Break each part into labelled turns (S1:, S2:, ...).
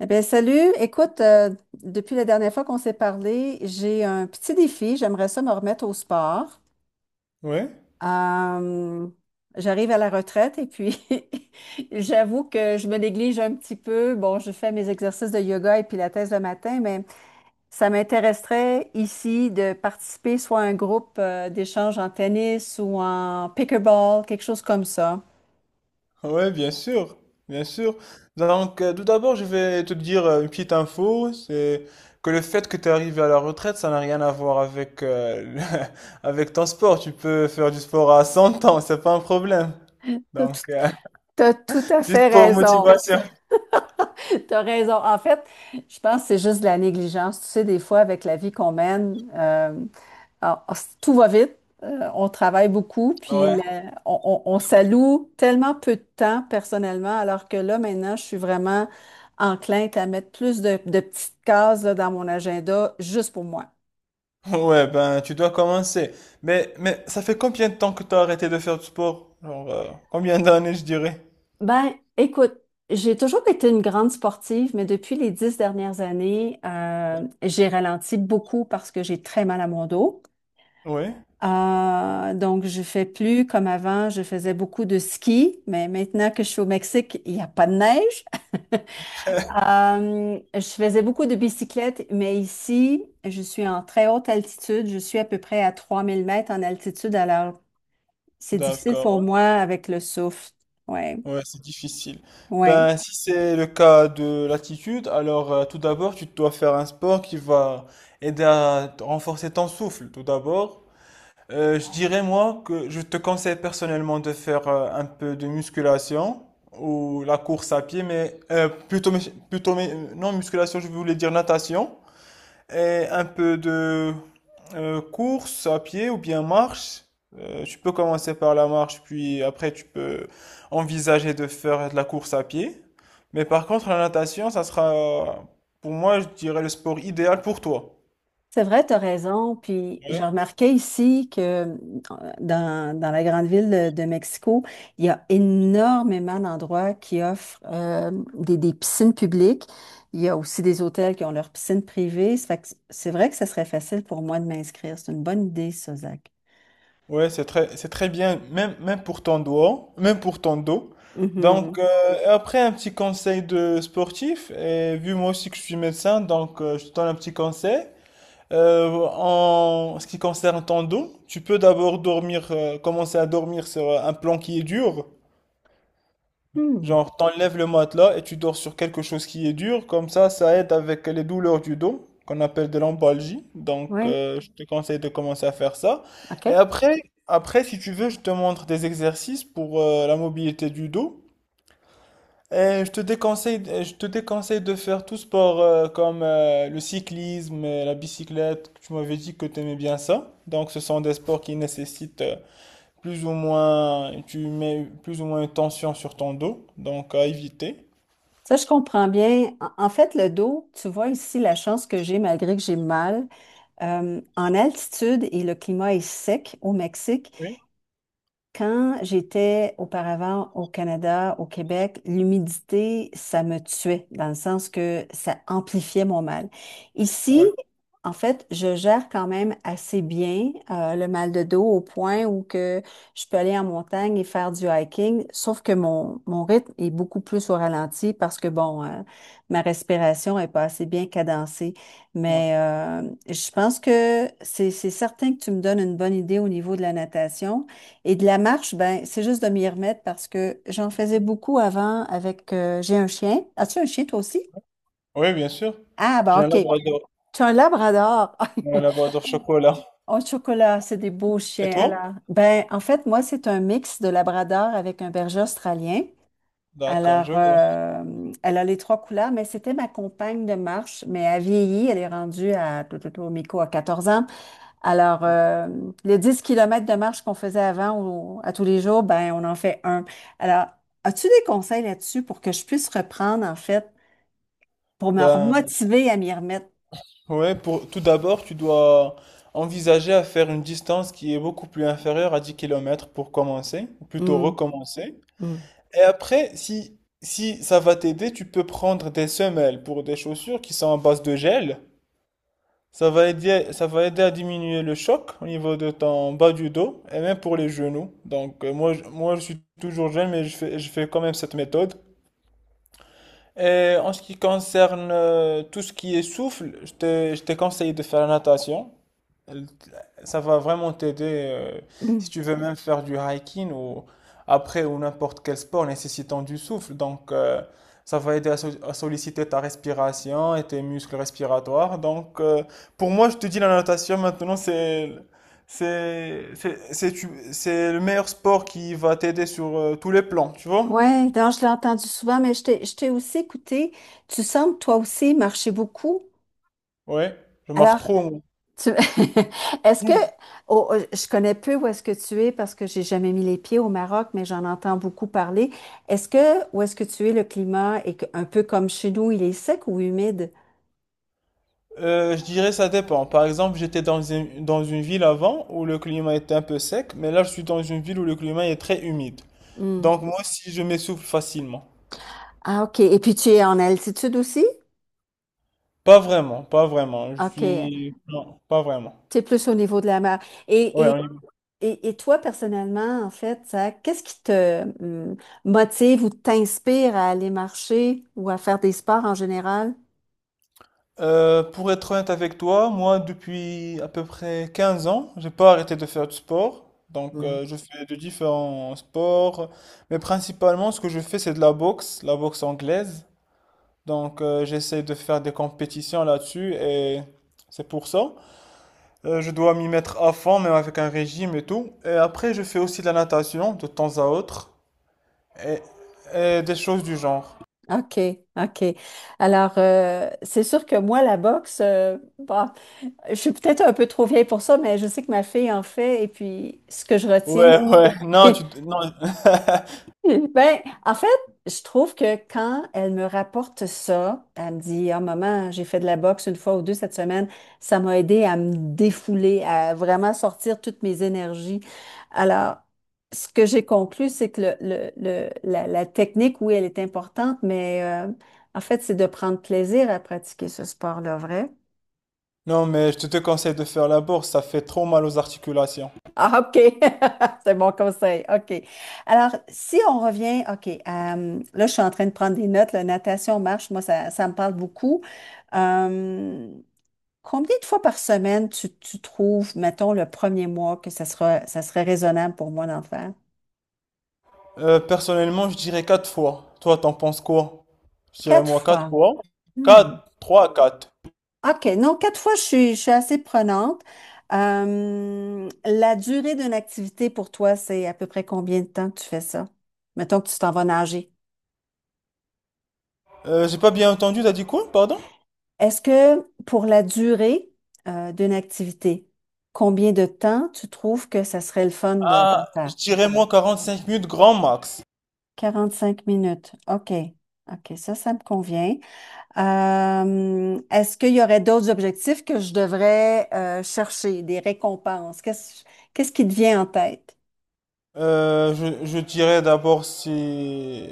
S1: Eh bien, salut. Écoute, depuis la dernière fois qu'on s'est parlé, j'ai un petit défi. J'aimerais ça me remettre au sport.
S2: Ouais,
S1: Euh, j'arrive à la retraite et puis j'avoue que je me néglige un petit peu. Bon, je fais mes exercices de yoga et pilates le matin, mais ça m'intéresserait ici de participer soit à un groupe d'échange en tennis ou en pickleball, quelque chose comme ça.
S2: ouais, bien sûr, bien sûr. Donc, tout d'abord, je vais te dire une petite info, c'est que le fait que tu es arrivé à la retraite, ça n'a rien à voir avec avec ton sport. Tu peux faire du sport à 100 ans, c'est pas un problème.
S1: T'as tout,
S2: Donc,
S1: t'as tout à
S2: juste
S1: fait
S2: pour
S1: raison.
S2: motivation.
S1: T'as raison. En fait, je pense que c'est juste de la négligence. Tu sais, des fois, avec la vie qu'on mène, alors, tout va vite. On travaille beaucoup, puis
S2: Ouais.
S1: on s'alloue tellement peu de temps personnellement, alors que là, maintenant, je suis vraiment enclin à mettre plus de petites cases là, dans mon agenda juste pour moi.
S2: Ouais, ben, tu dois commencer. Mais ça fait combien de temps que tu as arrêté de faire du sport? Genre, combien d'années, je dirais?
S1: Ben, écoute, j'ai toujours été une grande sportive, mais depuis les 10 dernières années, j'ai ralenti beaucoup parce que j'ai très mal à mon dos.
S2: Oui,
S1: Donc, je fais plus comme avant, je faisais beaucoup de ski, mais maintenant que je suis au Mexique, il n'y a pas de neige. Je faisais beaucoup de bicyclette, mais ici, je suis en très haute altitude. Je suis à peu près à 3 000 mètres en altitude, alors c'est difficile pour
S2: d'accord.
S1: moi avec le souffle. Ouais,
S2: Ouais, c'est difficile.
S1: ouais.
S2: Ben, si c'est le cas de l'attitude, alors tout d'abord, tu dois faire un sport qui va aider à renforcer ton souffle, tout d'abord. Je dirais, moi, que je te conseille personnellement de faire un peu de musculation ou la course à pied, mais plutôt, mus- plutôt, mais, non, musculation, je voulais dire natation. Et un peu de course à pied ou bien marche. Tu peux commencer par la marche, puis après tu peux envisager de faire de la course à pied. Mais par contre, la natation, ça sera, pour moi, je dirais le sport idéal pour toi.
S1: C'est vrai, tu as raison. Puis
S2: Ouais,
S1: j'ai remarqué ici que dans la grande ville de Mexico, il y a énormément d'endroits qui offrent des piscines publiques. Il y a aussi des hôtels qui ont leurs piscines privées. Ça fait que c'est vrai que ça serait facile pour moi de m'inscrire. C'est une bonne idée, ça, Zach.
S2: ouais, c'est très bien, même, même pour ton dos, même pour ton dos.
S1: Mhm.
S2: Donc, et après, un petit conseil de sportif, et vu moi aussi que je suis médecin, donc je te donne un petit conseil. En ce qui concerne ton dos, tu peux d'abord dormir, commencer à dormir sur un plan qui est dur.
S1: Hmm.
S2: Genre, t'enlèves le matelas et tu dors sur quelque chose qui est dur. Comme ça aide avec les douleurs du dos, qu'on appelle de l'embalgie. Donc,
S1: Oui,
S2: je te conseille de commencer à faire ça. Et
S1: OK.
S2: après, après, si tu veux, je te montre des exercices pour la mobilité du dos. Je te déconseille de faire tout sport comme le cyclisme, la bicyclette. Tu m'avais dit que tu aimais bien ça. Donc, ce sont des sports qui nécessitent plus ou moins, tu mets plus ou moins une tension sur ton dos. Donc, à éviter.
S1: Ça, je comprends bien. En fait, le dos, tu vois ici la chance que j'ai malgré que j'ai mal. En altitude et le climat est sec au Mexique. Quand j'étais auparavant au Canada, au Québec, l'humidité, ça me tuait, dans le sens que ça amplifiait mon mal. Ici, en fait, je gère quand même assez bien le mal de dos au point où que je peux aller en montagne et faire du hiking, sauf que mon rythme est beaucoup plus au ralenti parce que, bon, ma respiration est pas assez bien cadencée.
S2: Ouais.
S1: Mais je pense que c'est certain que tu me donnes une bonne idée au niveau de la natation. Et de la marche, ben, c'est juste de m'y remettre parce que j'en faisais beaucoup avant avec, j'ai un chien. As-tu un chien toi aussi?
S2: Oui, bien sûr.
S1: Ah, ben,
S2: J'ai
S1: OK. Tu as un labrador.
S2: un labrador chocolat.
S1: Au chocolat, c'est des beaux
S2: Et
S1: chiens.
S2: toi?
S1: Alors, ben, en fait, moi, c'est un mix de labrador avec un berger australien.
S2: D'accord,
S1: Alors,
S2: je vois.
S1: elle a les trois couleurs, mais c'était ma compagne de marche, mais elle vieillit. Elle est rendue à, tout, tout, tout, Miko à 14 ans. Alors, le 10 km de marche qu'on faisait avant à tous les jours, ben, on en fait un. Alors, as-tu des conseils là-dessus pour que je puisse reprendre, en fait, pour me
S2: Ben,
S1: remotiver à m'y remettre?
S2: ouais, pour, tout d'abord, tu dois envisager à faire une distance qui est beaucoup plus inférieure à 10 kilomètres pour commencer, ou plutôt
S1: Mm,
S2: recommencer.
S1: mm,
S2: Et après, si ça va t'aider, tu peux prendre des semelles pour des chaussures qui sont en base de gel. Ça va aider à diminuer le choc au niveau de ton bas du dos et même pour les genoux. Donc, moi, je suis toujours jeune, mais je fais quand même cette méthode. Et en ce qui concerne tout ce qui est souffle, je te conseille de faire la natation. Elle- Ça va vraiment t'aider euh, si
S1: mm.
S2: tu veux même faire du hiking ou après ou n'importe quel sport nécessitant du souffle. Donc, ça va aider à, à solliciter ta respiration et tes muscles respiratoires. Donc, pour moi, je te dis la natation maintenant, c'est le meilleur sport qui va t'aider sur tous les plans, tu vois?
S1: Oui, donc je l'ai entendu souvent, mais je t'ai aussi écouté. Tu sembles toi aussi marcher beaucoup.
S2: Ouais, je marche
S1: Alors,
S2: trop.
S1: Tu- Est-ce que oh, oh, je connais peu où est-ce que tu es parce que j'ai jamais mis les pieds au Maroc, mais j'en entends beaucoup parler. Est-ce que où est-ce que tu es, le climat un peu comme chez nous, il est sec ou humide?
S2: Je dirais ça dépend. Par exemple, j'étais dans une ville avant où le climat était un peu sec, mais là je suis dans une ville où le climat est très humide.
S1: Hmm.
S2: Donc moi aussi je m'essouffle facilement.
S1: Ah, OK. Et puis tu es en altitude aussi?
S2: Pas vraiment, pas vraiment. Je
S1: OK.
S2: suis... Non, pas vraiment.
S1: Tu es plus au niveau de la mer. Et,
S2: Ouais, on
S1: et,
S2: y va.
S1: et toi, personnellement, en fait, ça, qu'est-ce qui te hmm, motive ou t'inspire à aller marcher ou à faire des sports en général?
S2: Pour être honnête avec toi, moi depuis à peu près 15 ans, j'ai pas arrêté de faire du sport. Donc je fais de différents sports, mais principalement ce que je fais c'est de la boxe anglaise. Donc, j'essaie de faire des compétitions là-dessus et c'est pour ça. Je dois m'y mettre à fond, même avec un régime et tout. Et après, je fais aussi de la natation de temps à autre et, et des choses du genre.
S1: OK, OK. Alors, c'est sûr que moi, la boxe, bon, je suis peut-être un peu trop vieille pour ça, mais je sais que ma fille en fait. Et puis, ce que je retiens,
S2: Ouais, ouais, non, tu, non,
S1: ben, en fait, je trouve que quand elle me rapporte ça, elle me dit, « Ah, maman, j'ai fait de la boxe une fois ou deux cette semaine, ça m'a aidé à me défouler, à vraiment sortir toutes mes énergies. » Alors, ce que j'ai conclu, c'est que la technique, oui, elle est importante, mais en fait, c'est de prendre plaisir à pratiquer ce sport-là, vrai?
S2: non, mais je te conseille de faire la bourse, ça fait trop mal aux articulations.
S1: Ah, OK. C'est mon conseil. OK. Alors, si on revient, OK, là, je suis en train de prendre des notes. La natation, marche, moi, ça me parle beaucoup. Euh, combien de fois par semaine tu trouves, mettons, le premier mois que ça sera, ça serait raisonnable pour moi d'en faire?
S2: Personnellement, je dirais 4 fois. Toi, t'en penses quoi? Je dirais
S1: Quatre
S2: moi 4
S1: fois.
S2: fois.
S1: Hmm.
S2: 4, 3, 4.
S1: OK. Non, quatre fois, je suis assez prenante. La durée d'une activité pour toi, c'est à peu près combien de temps que tu fais ça? Mettons que tu t'en vas nager.
S2: J'ai pas bien entendu, t'as dit quoi, pardon?
S1: Est-ce que pour la durée d'une activité, combien de temps tu trouves que ça serait le fun de
S2: Ah,
S1: faire?
S2: je dirais moi 45 minutes grand max.
S1: 5 minutes. OK. OK, ça me convient. Est-ce qu'il y aurait d'autres objectifs que je devrais chercher, des récompenses? Qu'est-ce qui te vient en tête?
S2: Euh, je dirais d'abord si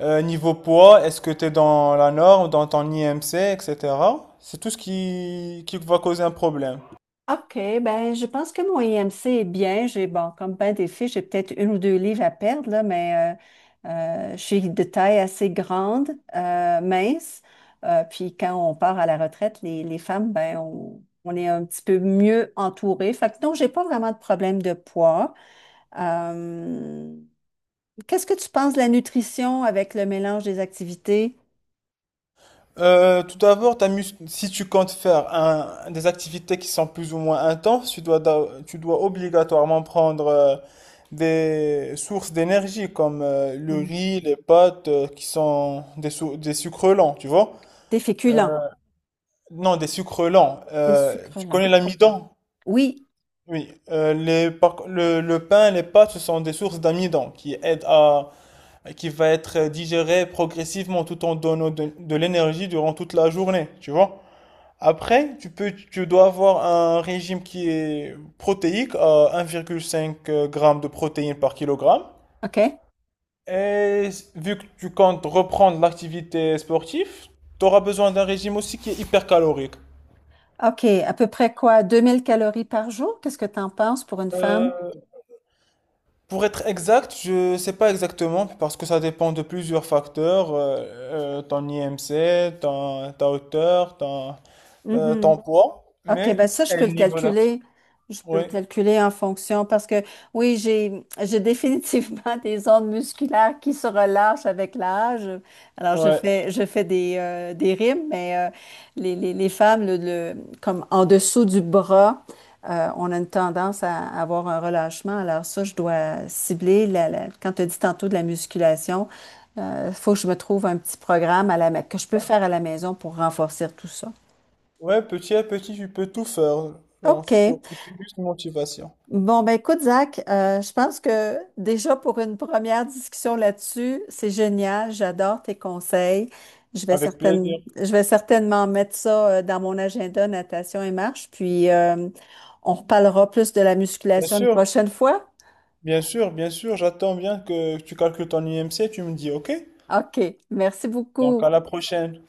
S2: niveau poids, est-ce que tu es dans la norme, dans ton IMC, etc. C'est tout ce qui va causer un problème.
S1: OK, ben je pense que mon IMC est bien. J'ai bon, comme ben des filles, j'ai peut-être une ou deux livres à perdre, là, mais euh, je suis de taille assez grande, mince. Puis quand on part à la retraite, les femmes, ben on est un petit peu mieux entourées. Fait que non, j'ai pas vraiment de problème de poids. Euh, Qu'est-ce que tu penses de la nutrition avec le mélange des activités?
S2: Tout d'abord, si tu comptes faire des activités qui sont plus ou moins intenses, tu dois obligatoirement prendre des sources d'énergie comme le
S1: Mm.
S2: riz, les pâtes, qui sont des sucres lents, tu vois?
S1: Des féculents,
S2: Non, des sucres lents.
S1: des sucres
S2: Tu
S1: lents.
S2: connais l'amidon?
S1: Oui,
S2: Oui. Le pain, les pâtes, ce sont des sources d'amidon qui aident à, qui va être digéré progressivement tout en donnant de l'énergie durant toute la journée, tu vois. Après, tu dois avoir un régime qui est protéique à 1,5 g de protéines par kilogramme.
S1: OK.
S2: Et vu que tu comptes reprendre l'activité sportive, tu auras besoin d'un régime aussi qui est hypercalorique.
S1: OK, à peu près quoi? 2 000 calories par jour? Qu'est-ce que tu en penses pour une femme?
S2: Euh, Pour être exact, je ne sais pas exactement parce que ça dépend de plusieurs facteurs, ton IMC, ta hauteur, ton poids,
S1: OK,
S2: mais
S1: ben ça, je
S2: et le
S1: peux le
S2: niveau d'action.
S1: calculer. Je peux
S2: Oui,
S1: le calculer en fonction parce que oui, j'ai définitivement des ondes musculaires qui se relâchent avec l'âge. Alors, je
S2: ouais.
S1: fais je fais des rimes, mais les femmes, comme en dessous du bras, on a une tendance à avoir un relâchement. Alors ça, je dois cibler quand tu as dit tantôt de la musculation, il faut que je me trouve un petit programme à que je peux faire à la maison pour renforcer tout ça.
S2: Ouais, petit à petit, tu peux tout faire. Genre,
S1: OK.
S2: il faut juste une motivation.
S1: Bon, ben écoute, Zach, je pense que déjà pour une première discussion là-dessus, c'est génial. J'adore tes conseils. Je vais
S2: Avec
S1: certaine-
S2: plaisir.
S1: je vais certainement mettre ça dans mon agenda, natation et marche. Puis on reparlera plus de la
S2: Bien
S1: musculation une
S2: sûr,
S1: prochaine fois.
S2: bien sûr, bien sûr, j'attends bien que tu calcules ton IMC, tu me dis OK.
S1: OK. Merci
S2: Donc
S1: beaucoup.
S2: à la prochaine.